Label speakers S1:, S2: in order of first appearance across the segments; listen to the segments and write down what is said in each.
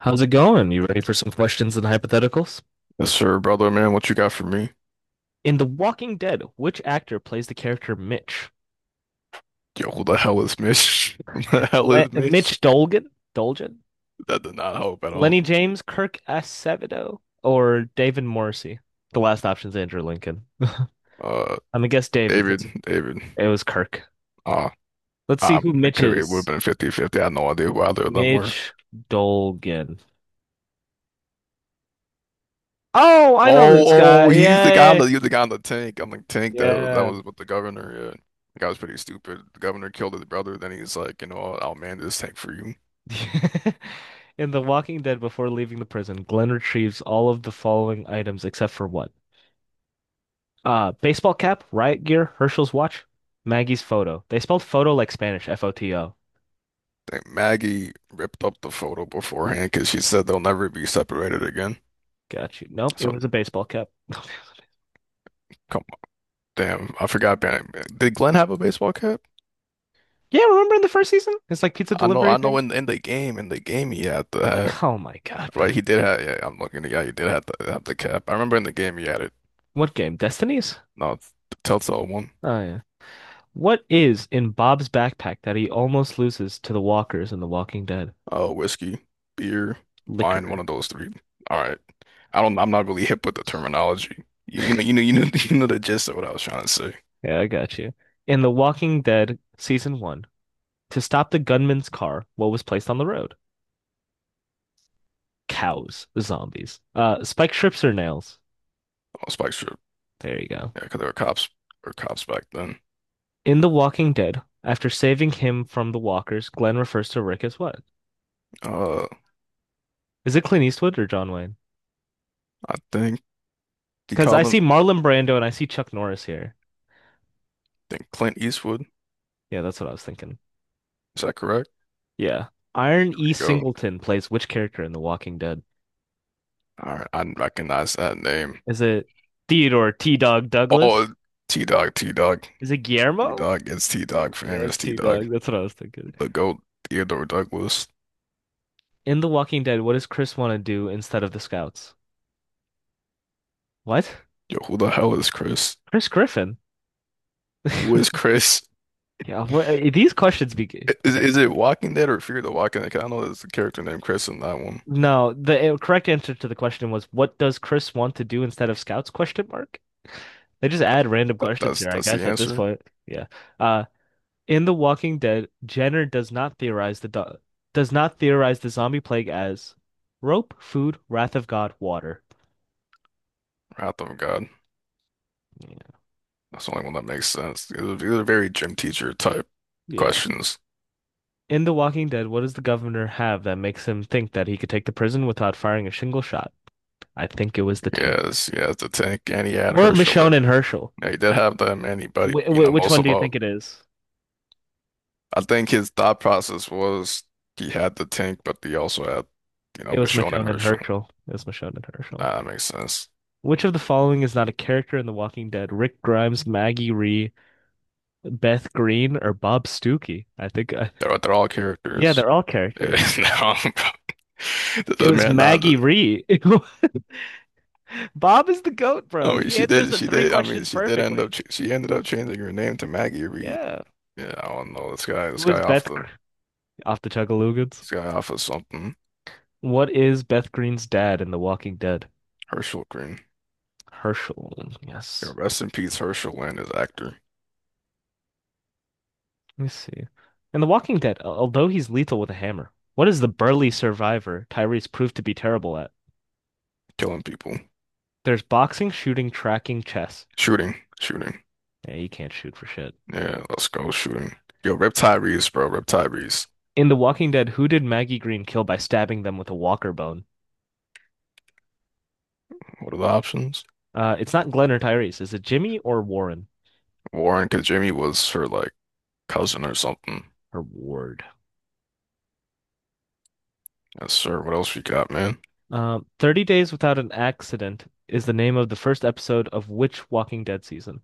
S1: How's it going? You ready for some questions and hypotheticals?
S2: Yes, sir, brother, man. What you got for me?
S1: In The Walking Dead, which actor plays the character Mitch?
S2: Yo, who the hell is Mitch? Who the hell is Mitch?
S1: Mitch Dolgan? Dolgan?
S2: That did not help at
S1: Lenny
S2: all.
S1: James, Kirk Acevedo, or David Morrissey? The last option's Andrew Lincoln. I'm
S2: Uh,
S1: gonna guess David.
S2: David, David.
S1: It was Kirk.
S2: Uh,
S1: Let's see who
S2: it
S1: Mitch
S2: could have it would have
S1: is.
S2: been 50-50. I had no idea who either of them were.
S1: Mitch Dolgan. Oh, I know this
S2: Oh, oh,
S1: guy.
S2: he's the guy on
S1: Yeah,
S2: he's the guy on the tank. On the tank that
S1: yeah,
S2: was with the governor. Yeah, the guy was pretty stupid. The governor killed his brother. Then he's like, you know, I'll man this tank for you.
S1: yeah. In The Walking Dead, before leaving the prison, Glenn retrieves all of the following items except for what? Baseball cap, riot gear, Herschel's watch, Maggie's photo. They spelled photo like Spanish, foto.
S2: Think Maggie ripped up the photo beforehand because she said they'll never be separated again.
S1: Got you. Nope, it
S2: So.
S1: was a baseball cap.
S2: Come. Damn, I forgot. Baron- Did Glenn have a baseball cap?
S1: Yeah, remember in the first season? It's like pizza
S2: I know,
S1: delivery
S2: I know.
S1: thing.
S2: In the game, in the game, he had the hat.
S1: What? Oh my God.
S2: Right, he did have. Yeah, I'm looking. Yeah, he did have the cap. I remember in the game he had it.
S1: What game? Destinies?
S2: No, it's the Telltale one.
S1: Oh yeah. What is in Bob's backpack that he almost loses to the walkers in The Walking Dead?
S2: Oh, whiskey, beer, wine. One
S1: Liquor.
S2: of those three. All right. I don't. I'm not really hip with the terminology. You know. You know. You know. You know the gist of what I was trying to say.
S1: Yeah, I got you. In The Walking Dead season one, to stop the gunman's car, what was placed on the road? Cows, zombies. Spiked strips or nails?
S2: Oh, Spike Strip.
S1: There you go.
S2: Yeah, because there were cops or cops back then.
S1: In The Walking Dead, after saving him from the walkers, Glenn refers to Rick as what?
S2: Uh,
S1: Is it Clint Eastwood or John Wayne?
S2: I think he
S1: Because I
S2: called him.
S1: see Marlon Brando and I see Chuck Norris here.
S2: I think Clint Eastwood.
S1: Yeah, that's what I was thinking.
S2: Is that correct?
S1: Yeah. Iron
S2: There
S1: E.
S2: we go.
S1: Singleton plays which character in The Walking Dead?
S2: All right, I recognize that name.
S1: Is it Theodore T. Dog
S2: Oh,
S1: Douglas?
S2: T-Dog, T-Dog,
S1: Is it Guillermo?
S2: T-Dog. It's T-Dog,
S1: Yeah,
S2: famous
S1: it's T.
S2: T-Dog.
S1: Dog. That's what I was thinking.
S2: The GOAT, Theodore Douglas.
S1: In The Walking Dead, what does Chris want to do instead of the scouts? What?
S2: Yo, who the hell is Chris?
S1: Chris Griffin.
S2: Who is Chris?
S1: Yeah, well, these questions be.
S2: I- Is,
S1: Okay.
S2: is it Walking Dead or Fear the Walking Dead? 'Cause I know there's a character named Chris in that one.
S1: No, the correct answer to the question was, what does Chris want to do instead of scouts? Question mark. They just add random questions here, I
S2: That's the
S1: guess, at this
S2: answer.
S1: point. Yeah. Uh, in The Walking Dead, Jenner does not theorize the do does not theorize the zombie plague as rope, food, wrath of God, water.
S2: Wrath of God.
S1: Yeah.
S2: That's the only one that makes sense. These are very gym teacher type
S1: Yeah.
S2: questions.
S1: In The Walking Dead, what does the governor have that makes him think that he could take the prison without firing a single shot? I think it was the tank.
S2: Yes, yes, the tank, and he had
S1: Or
S2: Herschel
S1: Michonne
S2: in.
S1: and Herschel.
S2: Yeah, he did have them, and he,
S1: Wh
S2: you know,
S1: wh which
S2: most
S1: one
S2: of
S1: do you
S2: all.
S1: think it is?
S2: I think his thought process was he had the tank, but he also had, you know,
S1: It was
S2: Michonne and
S1: Michonne and
S2: Herschel.
S1: Herschel. It was Michonne and Herschel.
S2: Ah, that makes sense.
S1: Which of the following is not a character in The Walking Dead? Rick Grimes, Maggie Ree, Beth Green, or Bob Stuckey? I think,
S2: They're all
S1: yeah,
S2: characters.
S1: they're all
S2: Yeah,
S1: characters.
S2: no, this
S1: It
S2: is
S1: was
S2: man. Not.
S1: Maggie Ree. Bob is the goat,
S2: I
S1: bro.
S2: mean,
S1: He
S2: she
S1: answers
S2: did.
S1: the
S2: She
S1: three
S2: did. I mean,
S1: questions
S2: she did end
S1: perfectly.
S2: up. Ch- She ended up changing her name to Maggie Reed.
S1: Yeah.
S2: Yeah, I don't know this guy. This
S1: Who is
S2: guy off the.
S1: Off the Chugalugans?
S2: This guy off of something.
S1: What is Beth Green's dad in The Walking Dead?
S2: Herschel Green.
S1: Herschel.
S2: Yeah,
S1: Yes.
S2: rest in peace, Herschel and his actor
S1: Let me see. In The Walking Dead, although he's lethal with a hammer, what is the burly survivor Tyrese proved to be terrible at?
S2: killing people,
S1: There's boxing, shooting, tracking, chess.
S2: shooting, shooting.
S1: Yeah, he can't shoot for shit.
S2: Yeah, let's go shooting. Yo, Rip Reeves, bro. Rip Reeves.
S1: In The Walking Dead, who did Maggie Green kill by stabbing them with a walker bone?
S2: What are the options?
S1: It's not Glenn or Tyrese. Is it Jimmy or Warren?
S2: Warren, because Jamie was her like cousin or something.
S1: Or Ward.
S2: Yes, sir. What else we got, man?
S1: 30 Days Without an Accident is the name of the first episode of which Walking Dead season?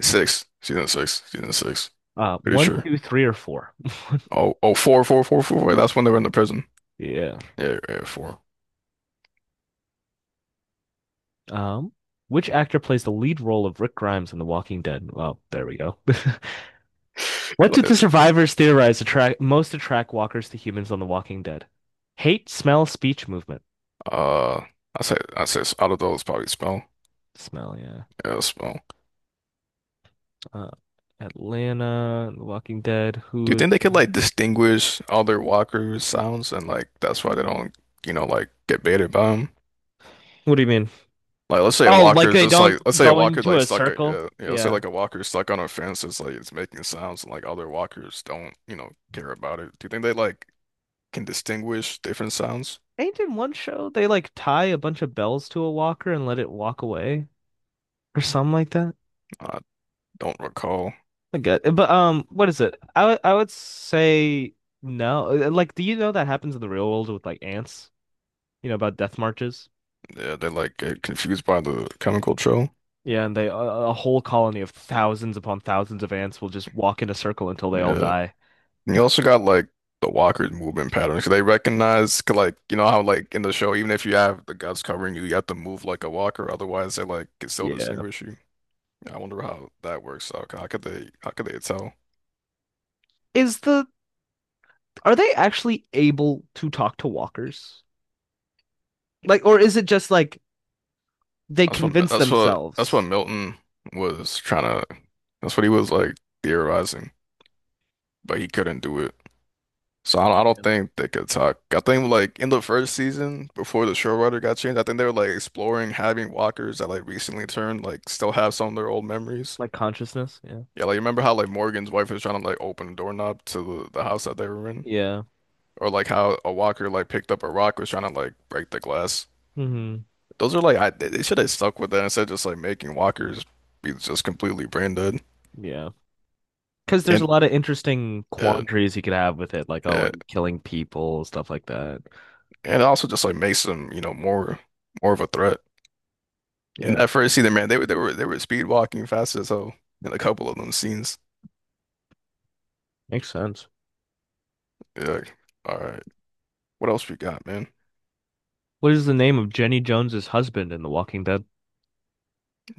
S2: Six. Season six. Season six. Pretty
S1: One,
S2: sure.
S1: two, three, or four?
S2: Oh, oh, four, four, four, four. Wait, that's when they were in the prison.
S1: Yeah.
S2: Yeah, yeah, four.
S1: Um, which actor plays the lead role of Rick Grimes in The Walking Dead? Well, there we go. What did the survivors theorize attract most attract walkers to humans on The Walking Dead? Hate, smell, speech, movement.
S2: Uh, I say, out of those, probably smell.
S1: Smell, yeah.
S2: Yeah, smell.
S1: Uh, Atlanta, The Walking Dead.
S2: Do you
S1: Who?
S2: think they could like distinguish other walkers' sounds and like that's why they don't, you know, like get baited by them?
S1: What do you mean?
S2: Like let's say a
S1: Oh,
S2: walker
S1: like
S2: is
S1: they
S2: just
S1: don't
S2: like let's say a
S1: go
S2: walker
S1: into
S2: like
S1: a
S2: stuck a
S1: circle?
S2: yeah, you know let's say
S1: Yeah.
S2: like a walker is stuck on a fence it's like it's making sounds and like other walkers don't you know care about it. Do you think they like can distinguish different sounds?
S1: Ain't in one show they like tie a bunch of bells to a walker and let it walk away or something like that?
S2: I don't recall.
S1: I get it. But what is it? I would say no. Like, do you know that happens in the real world with like ants? You know about death marches?
S2: Yeah, they like get confused by the chemical trail.
S1: Yeah, and a whole colony of thousands upon thousands of ants will just walk in a circle until they all
S2: Yeah,
S1: die.
S2: and you also got like the walker's movement patterns. 'Cause they recognize 'cause, like you know how like in the show even if you have the guts covering you you have to move like a walker otherwise they like can still
S1: Yeah.
S2: distinguish you. Yeah, I wonder how that works out. How could they tell?
S1: Is the are they actually able to talk to walkers? Like, or is it just like they convince
S2: That's what
S1: themselves?
S2: Milton was trying to. That's what he was like theorizing, but he couldn't do it. I
S1: Yeah.
S2: don't think they could talk. I think like in the first season, before the showrunner got changed, I think they were like exploring having walkers that like recently turned like still have some of their old memories.
S1: Like consciousness? Yeah.
S2: Yeah, like remember how like Morgan's wife was trying to like open a doorknob to the house that they were in,
S1: Yeah.
S2: or like how a walker like picked up a rock was trying to like break the glass.
S1: Hmm.
S2: Those are like I, they should have stuck with that instead of just like making walkers be just completely brand dead.
S1: Yeah. Because there's
S2: and
S1: a lot of interesting
S2: uh,
S1: quandaries you could have with it, like, oh,
S2: uh,
S1: are you killing people, stuff like that.
S2: and also just like makes them, you know, more of a threat. In
S1: Yeah,
S2: that first scene, man, they were speed walking fast as hell in a couple of them scenes.
S1: makes sense.
S2: Yeah, like, all right, what else we got, man?
S1: What is the name of Jenny Jones's husband in The Walking Dead?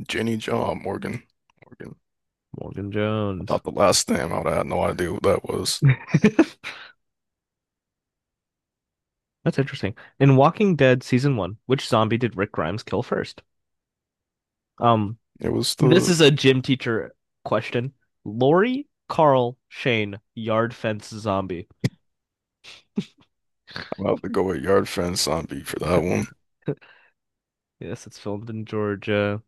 S2: Jenny John Morgan.
S1: Morgan
S2: I
S1: Jones.
S2: thought the last name, I would have no idea what that was.
S1: That's interesting. In Walking Dead season one, which zombie did Rick Grimes kill first? Um,
S2: It was
S1: this
S2: the
S1: is a gym teacher question. Lori, Carl, Shane, yard fence zombie.
S2: I'm about to go at yard fence zombie for that one.
S1: Yes, it's filmed in Georgia.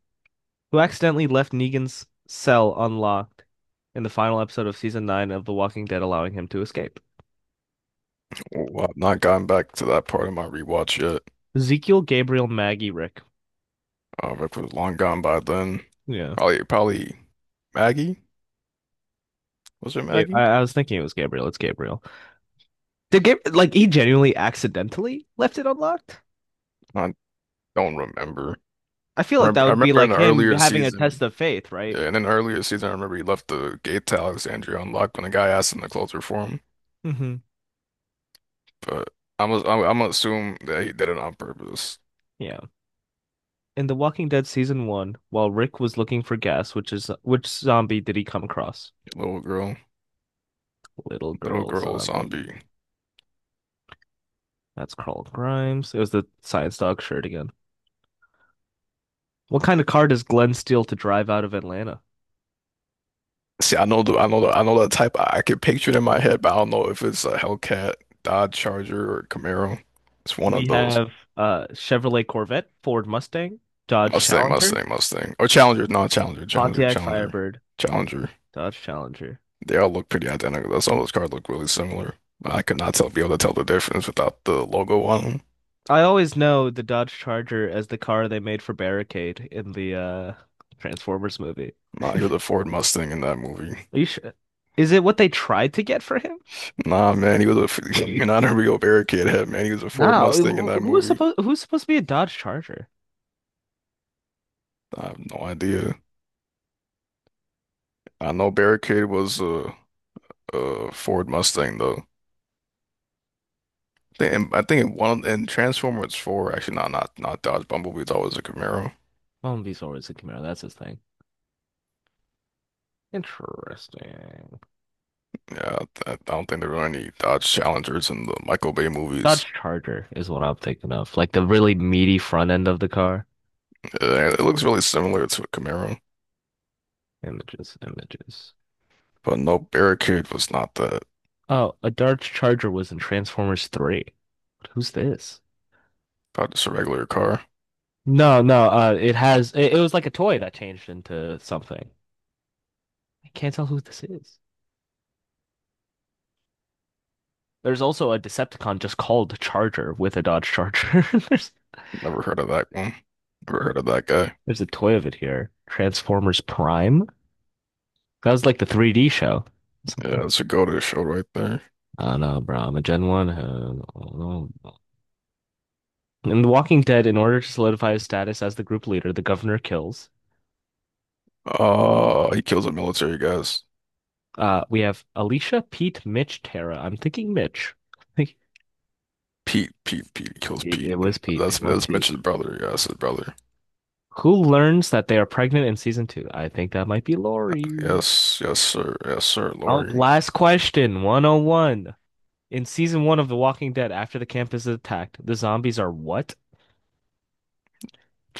S1: Who accidentally left Negan's cell unlocked in the final episode of season nine of The Walking Dead, allowing him to escape?
S2: Well, I've not gotten back to that part of my rewatch yet.
S1: Ezekiel, Gabriel, Maggie, Rick.
S2: If it was long gone by then,
S1: Yeah.
S2: probably Maggie. Was it
S1: Yeah, I,
S2: Maggie?
S1: I was thinking it was Gabriel. It's Gabriel. Like he genuinely accidentally left it unlocked?
S2: I don't remember.
S1: I feel like that
S2: I
S1: would be
S2: remember in
S1: like
S2: the
S1: him
S2: earlier
S1: having a test
S2: season,
S1: of faith, right?
S2: yeah, in an earlier season, I remember he left the gate to Alexandria unlocked when the guy asked him to close it for him.
S1: Mm-hmm.
S2: But I'm gonna assume that he did it on purpose.
S1: Yeah. In The Walking Dead season one, while Rick was looking for gas, which zombie did he come across?
S2: Little girl,
S1: Little
S2: little
S1: girl
S2: girl zombie.
S1: zombie. That's Carl Grimes. It was the science dog shirt again. What kind of car does Glenn steal to drive out of Atlanta?
S2: See, I know the type. I could picture it in my head, but I don't know if it's a Hellcat, Dodge Charger, or Camaro. It's one
S1: We
S2: of those.
S1: have Chevrolet Corvette, Ford Mustang, Dodge
S2: Mustang,
S1: Challenger,
S2: Mustang, Mustang, or Challenger. No,
S1: Pontiac Firebird,
S2: Challenger.
S1: Dodge Challenger.
S2: They all look pretty identical. Though. Some of those cards look really similar. I
S1: Those
S2: could
S1: car-
S2: not tell be able to tell the difference without the logo on them.
S1: I always know the Dodge Charger as the car they made for Barricade in the Transformers movie.
S2: Nah, he was a Ford Mustang in that movie.
S1: Are you sure? Is it what they tried to get for him?
S2: Nah, man, he was a you're not a real Barricade head, man. He was a Ford
S1: No,
S2: Mustang in
S1: who
S2: that
S1: who was
S2: movie.
S1: supposed who's supposed to be a Dodge Charger?
S2: I have no idea. I know Barricade was a Ford Mustang though. I think in one in Transformers 4, actually, not Dodge Bumblebee. That was a Camaro.
S1: Well, he's always a Camaro, that's his thing. Interesting.
S2: Yeah, I don't think there were any Dodge Challengers in the Michael Bay
S1: Dodge
S2: movies.
S1: Charger is what I'm thinking of. Like the really meaty front end of the car.
S2: It looks really similar to a Camaro.
S1: Images, images.
S2: But no, Barricade was not that.
S1: Oh, a Dodge Charger was in Transformers 3. Who's this?
S2: Not just a regular car.
S1: No, no, it was like a toy that changed into something. I can't tell who this is. There's also a Decepticon just called Charger with a Dodge Charger. There's
S2: Never heard of that one. Never heard of that guy.
S1: there's a toy of it here. Transformers Prime. That was like the 3D show.
S2: Yeah,
S1: Something.
S2: that's a go-to show right there.
S1: I don't know, bro. I'm a Gen 1. I don't know. In The Walking Dead, in order to solidify his status as the group leader, the governor kills.
S2: He kills the military guys.
S1: We have Alicia, Pete, Mitch, Tara. I'm thinking Mitch.
S2: Pete kills
S1: It
S2: Pete.
S1: was Pete. It
S2: That's
S1: was Pete.
S2: Mitch's brother. Yeah, that's his brother.
S1: Who learns that they are pregnant in season two? I think that might be Lori.
S2: Yes, yes, sir. Yes, sir.
S1: Oh,
S2: Lori.
S1: last question, 101. In season one of The Walking Dead, after the campus is attacked, the zombies are what?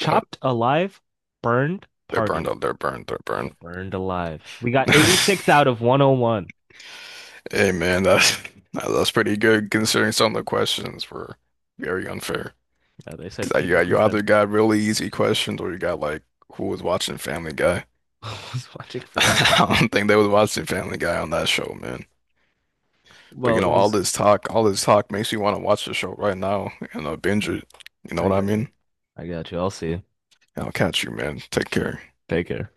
S2: What?
S1: alive, burned,
S2: They're burned
S1: partying.
S2: out. They're burned. They're
S1: Yeah,
S2: burned.
S1: burned alive. We got 86 out of 101.
S2: Hey, man, that's pretty good considering some of the questions were very unfair.
S1: They
S2: 'Cause,
S1: said
S2: like,
S1: Peter
S2: you either
S1: Griffin.
S2: got really easy questions or you got like who was watching Family Guy.
S1: I was watching Family
S2: I
S1: Guy.
S2: don't think they was watching Family Guy on that show, man. But you
S1: Well,
S2: know,
S1: it was.
S2: all this talk makes me want to watch the show right now and binge it. You know
S1: I
S2: what I
S1: got
S2: mean?
S1: you. I got you. I'll see you.
S2: I'll catch you, man. Take care.
S1: Take care.